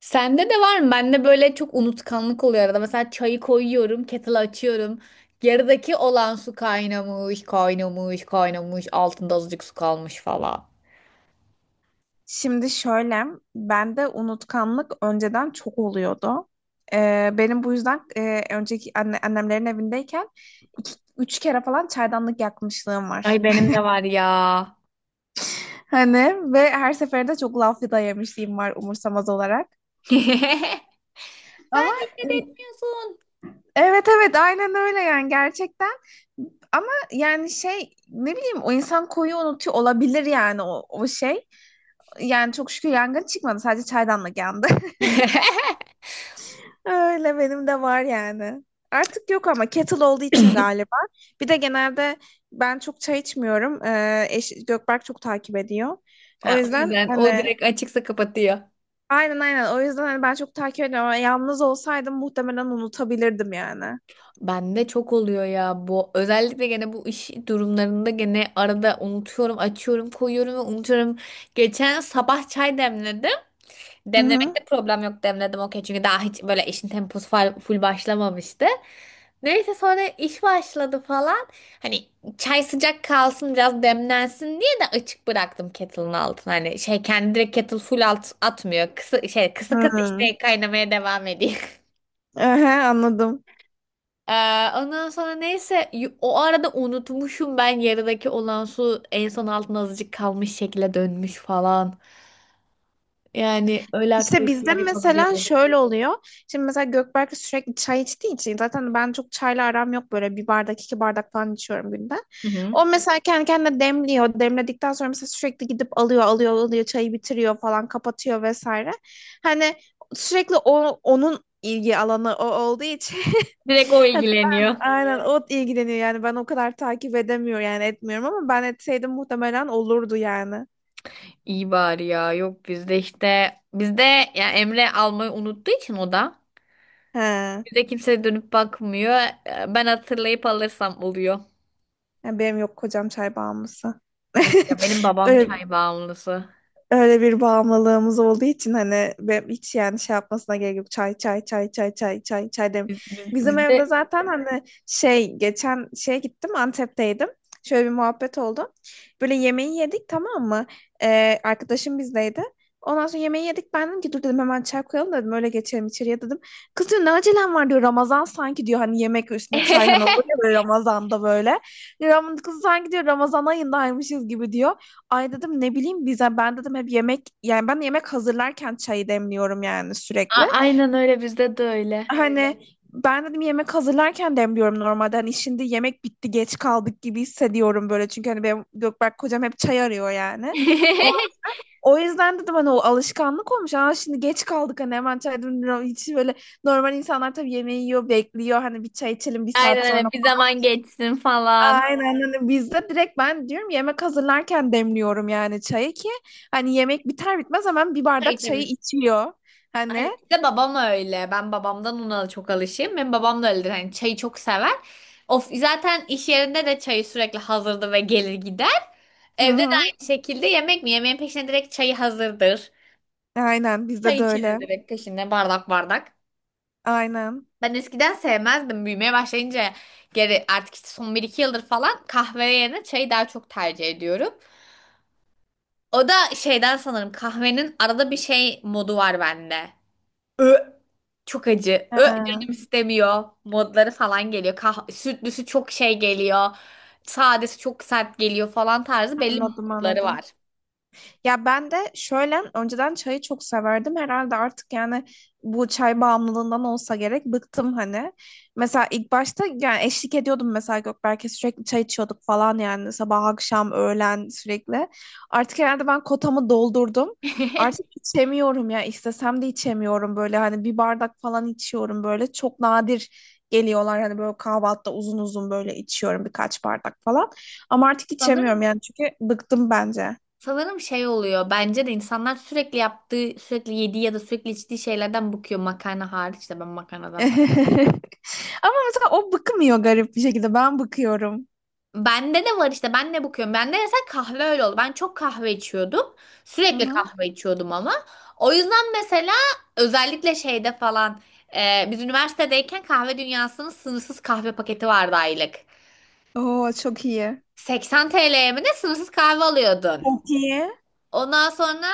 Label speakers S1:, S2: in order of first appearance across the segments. S1: Sende de var mı? Bende böyle çok unutkanlık oluyor arada. Mesela çayı koyuyorum, kettle açıyorum. Yarıdaki olan su kaynamış, kaynamış, kaynamış. Altında azıcık su kalmış falan.
S2: Şimdi şöyle, bende unutkanlık önceden çok oluyordu. Benim bu yüzden önceki annemlerin evindeyken iki, üç kere falan çaydanlık yakmışlığım var.
S1: Ay benim de var ya.
S2: Hani, ve her seferinde çok laf da yemişliğim var umursamaz olarak.
S1: Sen
S2: Ama
S1: dikkat etmiyorsun.
S2: evet, evet, aynen öyle yani, gerçekten. Ama yani şey, ne bileyim, o insan koyu unutuyor olabilir yani, o şey. Yani çok şükür yangın çıkmadı, sadece çaydanlık yandı. Öyle, benim de var yani. Artık yok ama kettle olduğu için galiba. Bir de genelde ben çok çay içmiyorum, Gökberk çok takip ediyor, o
S1: Ha, o
S2: yüzden
S1: yüzden o
S2: hani.
S1: direkt açıksa kapatıyor.
S2: Aynen, aynen, o yüzden hani ben çok takip ediyorum ama yalnız olsaydım muhtemelen unutabilirdim yani.
S1: Bende çok oluyor ya bu. Özellikle gene bu iş durumlarında gene arada unutuyorum, açıyorum, koyuyorum ve unutuyorum. Geçen sabah çay demledim.
S2: Hı hı.
S1: Demlemekte problem yok, demledim okey. Çünkü daha hiç böyle işin temposu full başlamamıştı. Neyse sonra iş başladı falan. Hani çay sıcak kalsın biraz demlensin diye de açık bıraktım kettle'ın altını. Hani şey kendi direkt kettle full alt atmıyor. Kısa, şey, kısık
S2: Hı.
S1: ateşte kaynamaya devam ediyor.
S2: Ehe, anladım.
S1: Ee, ondan sonra neyse o arada unutmuşum, ben yarıdaki olan su en son altına azıcık kalmış şekilde dönmüş falan. Yani öyle
S2: İşte bizde
S1: aktiviteler
S2: mesela
S1: yapabiliyorum.
S2: şöyle oluyor. Şimdi mesela Gökberk sürekli çay içtiği için, zaten ben çok çayla aram yok, böyle bir bardak, iki bardak falan içiyorum günde.
S1: Hı hı.
S2: O mesela kendi kendine demliyor. Demledikten sonra mesela sürekli gidip alıyor, alıyor, alıyor, çayı bitiriyor falan, kapatıyor vesaire. Hani sürekli onun ilgi alanı o olduğu için.
S1: Direkt o
S2: Hani ben,
S1: ilgileniyor.
S2: aynen, o ilgileniyor yani, ben o kadar takip edemiyor yani etmiyorum, ama ben etseydim muhtemelen olurdu yani.
S1: İyi bari ya. Yok bizde, işte bizde ya Emre almayı unuttuğu için o da
S2: He.
S1: bize kimse dönüp bakmıyor. Ben hatırlayıp alırsam oluyor.
S2: Yani benim, yok, kocam çay bağımlısı.
S1: Yok ya, benim babam
S2: Öyle
S1: çay bağımlısı.
S2: öyle bir bağımlılığımız olduğu için hani, ben hiç yani şey yapmasına gerek yok. Çay, çay, çay, çay, çay, çay, çay dem. Bizim evde
S1: Bizde.
S2: zaten hani şey, geçen şeye gittim, Antep'teydim. Şöyle bir muhabbet oldu. Böyle yemeği yedik, tamam mı? Arkadaşım bizdeydi. Ondan sonra yemeği yedik. Ben dedim ki, dur dedim, hemen çay koyalım dedim, öyle geçelim içeriye dedim. Kız diyor, ne acelem var diyor, Ramazan sanki diyor, hani yemek üstüne çay, hani olur ya böyle Ramazan'da böyle. Kız sanki diyor, Ramazan ayındaymışız gibi diyor. Ay dedim, ne bileyim, bize ben dedim hep yemek, yani ben yemek hazırlarken çayı demliyorum yani sürekli.
S1: Aynen öyle, bizde de öyle.
S2: Hani. Evet, ben dedim, yemek hazırlarken demliyorum normalde. Hani şimdi yemek bitti, geç kaldık gibi hissediyorum böyle, çünkü hani benim Gökberk kocam hep çay arıyor yani. O, o yüzden dedim hani, o alışkanlık olmuş. Aa, şimdi geç kaldık hani, hemen çay demliyorum. Hiç böyle, normal insanlar tabii yemeği yiyor, bekliyor hani, bir çay içelim bir
S1: Aynen
S2: saat sonra.
S1: öyle, bir zaman geçsin falan.
S2: Aynen, hani bizde direkt ben diyorum, yemek hazırlarken demliyorum yani çayı ki, hani yemek biter bitmez hemen bir
S1: Çay.
S2: bardak çayı içiyor. Hani.
S1: Bir de babam öyle. Ben babamdan ona çok alışığım. Benim babam da öyledir. Hani çayı çok sever. Of, zaten iş yerinde de çayı sürekli hazırdı ve gelir gider.
S2: Hı
S1: Evde de
S2: hı.
S1: aynı şekilde yemek mi? Yemeğin peşine direkt çayı hazırdır.
S2: Aynen, bizde
S1: Çay
S2: de
S1: içilir
S2: öyle.
S1: direkt peşinde bardak bardak.
S2: Aynen.
S1: Ben eskiden sevmezdim. Büyümeye başlayınca geri artık işte son bir iki yıldır falan kahve yerine çayı daha çok tercih ediyorum. O da şeyden sanırım, kahvenin arada bir şey modu var bende. Ö, çok acı.
S2: He,
S1: Canım istemiyor. Modları falan geliyor. Sütlüsü çok şey geliyor. Sadesi çok sert geliyor falan tarzı belli
S2: anladım,
S1: modları
S2: anladım.
S1: var.
S2: Ya ben de şöyle, önceden çayı çok severdim. Herhalde artık yani, bu çay bağımlılığından olsa gerek, bıktım hani. Mesela ilk başta yani eşlik ediyordum mesela Gökberk'e, sürekli çay içiyorduk falan yani, sabah, akşam, öğlen sürekli. Artık herhalde ben kotamı doldurdum. Artık içemiyorum ya, istesem de içemiyorum, böyle hani bir bardak falan içiyorum, böyle çok nadir geliyorlar hani, böyle kahvaltıda uzun uzun böyle içiyorum, birkaç bardak falan. Ama artık içemiyorum
S1: Sanırım
S2: yani, çünkü bıktım bence.
S1: sanırım şey oluyor. Bence de insanlar sürekli yaptığı, sürekli yediği ya da sürekli içtiği şeylerden bıkıyor, makarna hariç. De ben makarnadan.
S2: Ama mesela o bıkmıyor, garip bir şekilde. Ben bıkıyorum.
S1: Bende de var işte, ben de bakıyorum. Bende mesela kahve öyle oldu. Ben çok kahve içiyordum.
S2: Hı
S1: Sürekli
S2: hı.
S1: kahve içiyordum ama. O yüzden mesela özellikle şeyde falan, biz üniversitedeyken kahve dünyasının sınırsız kahve paketi vardı aylık.
S2: Oo, çok iyi.
S1: 80 TL'ye mi ne, sınırsız kahve alıyordun.
S2: Çok iyi.
S1: Ondan sonra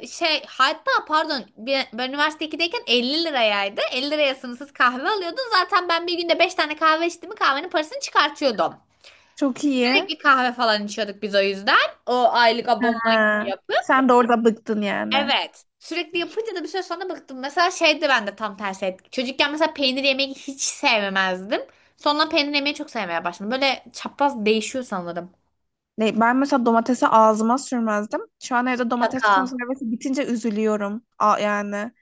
S1: şey, hatta pardon ben üniversite 2'deyken 50 lirayaydı. 50 liraya sınırsız kahve alıyordun. Zaten ben bir günde 5 tane kahve içtim mi kahvenin parasını çıkartıyordum.
S2: Çok iyi.
S1: Sürekli kahve falan içiyorduk biz o yüzden. O aylık abonman gibi
S2: Ha,
S1: yapıp.
S2: sen de orada bıktın yani.
S1: Evet. Sürekli yapınca da bir süre sonra bıktım. Mesela şeydi, ben de tam tersi etki. Çocukken mesela peynir yemeyi hiç sevmezdim. Sonra peynir yemeyi çok sevmeye başladım. Böyle çapraz değişiyor sanırım.
S2: Ne, ben mesela domatesi ağzıma sürmezdim. Şu an evde domates
S1: Şaka.
S2: konservesi bitince üzülüyorum. A yani,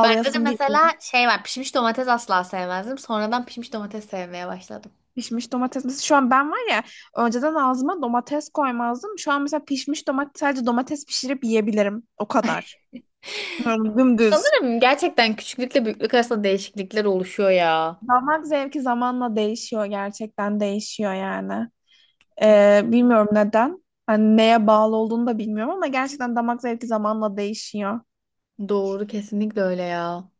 S1: Bende de
S2: geliyor.
S1: mesela şey var. Pişmiş domates asla sevmezdim. Sonradan pişmiş domates sevmeye başladım.
S2: Pişmiş domates. Mesela şu an ben var ya, önceden ağzıma domates koymazdım. Şu an mesela pişmiş domates, sadece domates pişirip yiyebilirim. O kadar. Yani dümdüz.
S1: Sanırım gerçekten küçüklükle büyüklük arasında değişiklikler oluşuyor ya.
S2: Damak zevki zamanla değişiyor. Gerçekten değişiyor yani. Bilmiyorum neden. Hani neye bağlı olduğunu da bilmiyorum, ama gerçekten damak zevki zamanla değişiyor.
S1: Doğru, kesinlikle öyle ya.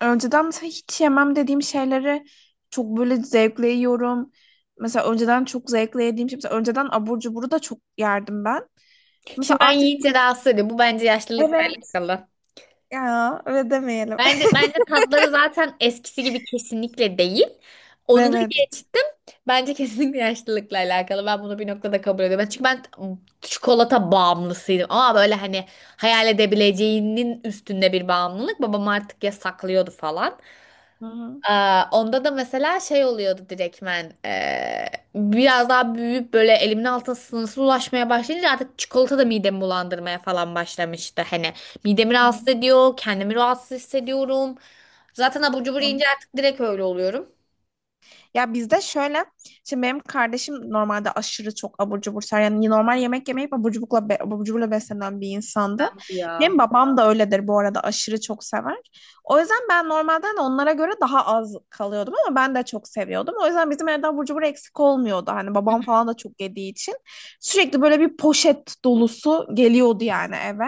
S2: Önceden mesela hiç yemem dediğim şeyleri çok böyle zevkle yiyorum. Mesela önceden çok zevkle yediğim şey. Mesela önceden abur cuburu da çok yerdim ben. Mesela
S1: Şimdi ben
S2: artık,
S1: yiyince rahatsız ediyor. Bu bence yaşlılıkla
S2: evet,
S1: alakalı.
S2: ya öyle demeyelim.
S1: bence tatları zaten eskisi gibi kesinlikle değil. Onu da
S2: Evet.
S1: geçtim. Bence kesinlikle yaşlılıkla alakalı. Ben bunu bir noktada kabul ediyorum. Çünkü ben çikolata bağımlısıydım. Ama böyle hani hayal edebileceğinin üstünde bir bağımlılık. Babam artık yasaklıyordu falan.
S2: Hı
S1: Aa, onda da mesela şey oluyordu direktmen, biraz daha büyüyüp böyle elimin altına sınırsız ulaşmaya başlayınca artık çikolata da midemi bulandırmaya falan başlamıştı. Hani midemi rahatsız
S2: hı.
S1: ediyor, kendimi rahatsız hissediyorum. Zaten abur cubur
S2: Hı.
S1: yiyince artık direkt öyle oluyorum.
S2: Ya bizde şöyle, şimdi benim kardeşim normalde aşırı çok abur cubur sever. Yani normal yemek yemeyip abur cuburla, abur cuburla beslenen bir insandı.
S1: Bu ya.
S2: Benim babam da öyledir bu arada, aşırı çok sever. O yüzden ben normalden onlara göre daha az kalıyordum, ama ben de çok seviyordum. O yüzden bizim evde abur cubur eksik olmuyordu. Hani babam falan da çok yediği için. Sürekli böyle bir poşet dolusu geliyordu yani eve.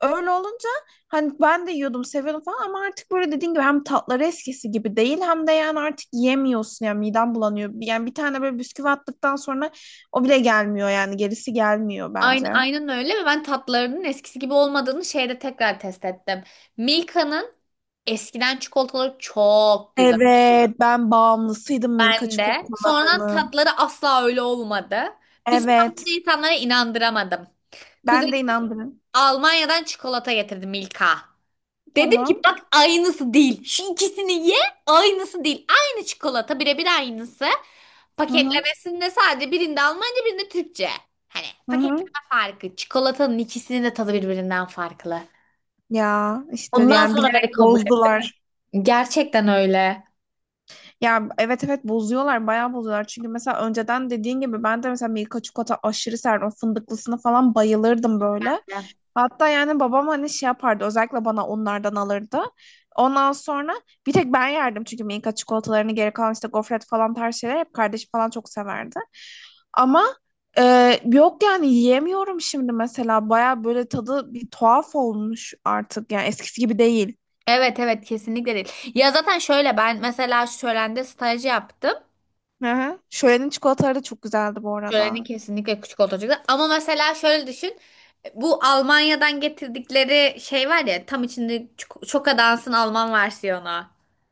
S2: Öyle olunca hani ben de yiyordum, seviyordum falan, ama artık böyle dediğin gibi, hem tatları eskisi gibi değil, hem de yani artık yiyemiyorsun yani, midem bulanıyor. Yani bir tane böyle bisküvi attıktan sonra o bile gelmiyor yani, gerisi gelmiyor bence.
S1: Aynen, aynen öyle, ve ben tatlarının eskisi gibi olmadığını şeyde tekrar test ettim. Milka'nın eskiden çikolataları çok güzel.
S2: Evet, ben bağımlısıydım Milka
S1: Ben de. Sonradan
S2: çikolatalarının.
S1: tatları asla öyle olmadı. Bir süre bunu
S2: Evet,
S1: insanlara inandıramadım.
S2: ben de
S1: Kuzenim
S2: inandım.
S1: Almanya'dan çikolata getirdi, Milka. Dedim ki
S2: Tamam.
S1: bak, aynısı değil. Şu ikisini ye, aynısı değil. Aynı çikolata, birebir aynısı.
S2: Hı hı.
S1: Paketlemesinde sadece birinde Almanca, birinde Türkçe. Hani
S2: Hı
S1: paketleme
S2: hı.
S1: farkı. Çikolatanın ikisinin de tadı birbirinden farklı.
S2: Ya işte
S1: Ondan
S2: yani,
S1: sonra beni
S2: bilerek
S1: kabul et.
S2: bozdular.
S1: Gerçekten öyle.
S2: Ya evet, evet, bozuyorlar, bayağı bozuyorlar. Çünkü mesela önceden dediğin gibi, ben de mesela Milka çikolata aşırı severdim. O fındıklısına falan bayılırdım böyle. Hatta yani babam hani şey yapardı, özellikle bana onlardan alırdı. Ondan sonra bir tek ben yerdim çünkü Milka çikolatalarını, geri kalan işte gofret falan tarz şeyler hep kardeşim falan çok severdi. Ama e, yok yani, yiyemiyorum şimdi mesela, bayağı böyle tadı bir tuhaf olmuş artık yani, eskisi gibi değil.
S1: Evet evet, kesinlikle değil. Ya zaten şöyle, ben mesela şölende staj yaptım.
S2: Hı hı. Şölenin çikolataları da çok güzeldi bu arada.
S1: Şöleni kesinlikle küçük olacak. Ama mesela şöyle düşün. Bu Almanya'dan getirdikleri şey var ya, tam içinde çok çok dansın Alman versiyonu.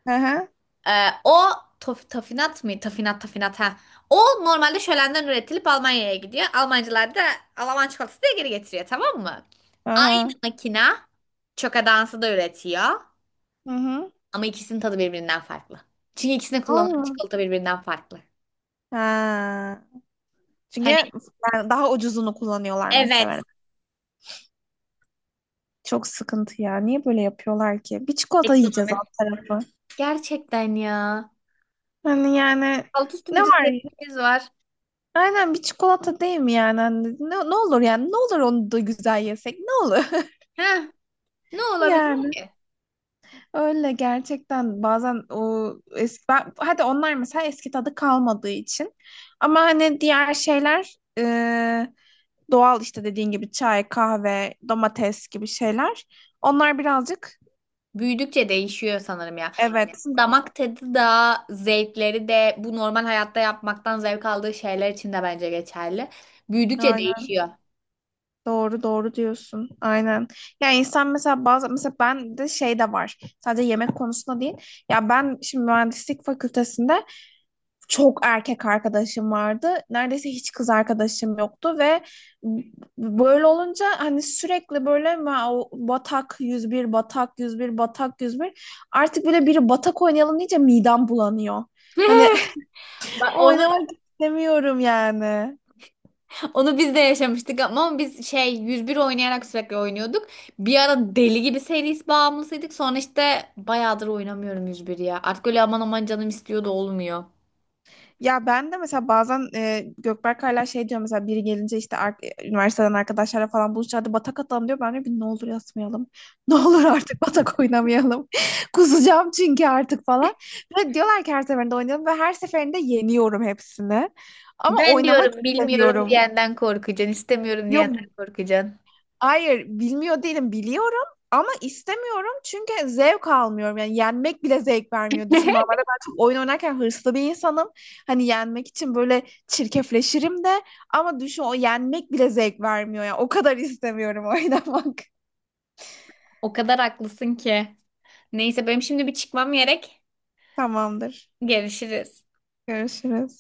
S2: Hı hı.
S1: O tafinat mı? Tafinat tafinat, ha. O normalde şölenden üretilip Almanya'ya gidiyor. Almancılar da Alman çikolatası diye geri getiriyor, tamam mı? Aynı
S2: Aha.
S1: makina çoka dansı da üretiyor.
S2: Hı hı.
S1: Ama ikisinin tadı birbirinden farklı. Çünkü ikisine kullanılan
S2: Allah.
S1: çikolata birbirinden farklı.
S2: Ha. Çünkü
S1: Hani
S2: yani daha ucuzunu kullanıyorlar
S1: evet.
S2: muhtemelen. Çok sıkıntı ya. Niye böyle yapıyorlar ki? Bir çikolata yiyeceğiz
S1: Ekonomi.
S2: alt tarafı.
S1: Gerçekten ya.
S2: Hani yani,
S1: Alt üstü
S2: ne
S1: bir
S2: var ya?
S1: zevkimiz var.
S2: Aynen, bir çikolata değil mi yani? Hani, ne olur yani? Ne olur onu da güzel yesek? Ne olur?
S1: Heh, ne olabilir
S2: Ya.
S1: ki?
S2: Öyle gerçekten, bazen o eski hadi onlar mesela eski tadı kalmadığı için, ama hani diğer şeyler, doğal işte dediğin gibi çay, kahve, domates gibi şeyler. Onlar birazcık,
S1: Büyüdükçe değişiyor sanırım ya.
S2: evet.
S1: Damak tadı da, zevkleri de, bu normal hayatta yapmaktan zevk aldığı şeyler için de bence geçerli. Büyüdükçe
S2: Aynen,
S1: değişiyor.
S2: doğru, doğru diyorsun. Aynen. Ya insan mesela bazı, mesela ben de şey de var. Sadece yemek konusunda değil. Ya ben şimdi mühendislik fakültesinde çok erkek arkadaşım vardı. Neredeyse hiç kız arkadaşım yoktu, ve böyle olunca hani, sürekli böyle o batak, 101, batak, 101, batak, yüz bir, artık böyle biri batak oynayalım deyince midem bulanıyor. Hani
S1: Bak onu.
S2: oynamak istemiyorum yani.
S1: Onu biz de yaşamıştık, ama biz şey 101 oynayarak sürekli oynuyorduk. Bir ara deli gibi seris bağımlısıydık. Sonra işte bayağıdır oynamıyorum 101 ya. Artık öyle aman aman, canım istiyor da olmuyor.
S2: Ya ben de mesela bazen, Gökberk hala şey diyor, mesela biri gelince işte, üniversiteden arkadaşlarla falan buluşacağız, hadi batak atalım diyor. Ben de, bir ne olur yatmayalım. Ne olur artık batak oynamayalım. Kusacağım çünkü artık falan. Ve diyorlar ki her seferinde oynayalım, ve her seferinde yeniyorum hepsini. Ama
S1: Ben
S2: oynamak
S1: diyorum bilmiyorum
S2: istemiyorum.
S1: diyenden korkacaksın, istemiyorum
S2: Yok.
S1: diyenden korkacaksın.
S2: Hayır, bilmiyor değilim, biliyorum, ama istemiyorum çünkü zevk almıyorum. Yani yenmek bile zevk vermiyor. Düşün, normalde ben çok oyun oynarken hırslı bir insanım. Hani yenmek için böyle çirkefleşirim de, ama düşün, o yenmek bile zevk vermiyor ya. O kadar istemiyorum oynamak.
S1: O kadar haklısın ki. Neyse, benim şimdi bir çıkmam gerek.
S2: Tamamdır.
S1: Görüşürüz.
S2: Görüşürüz.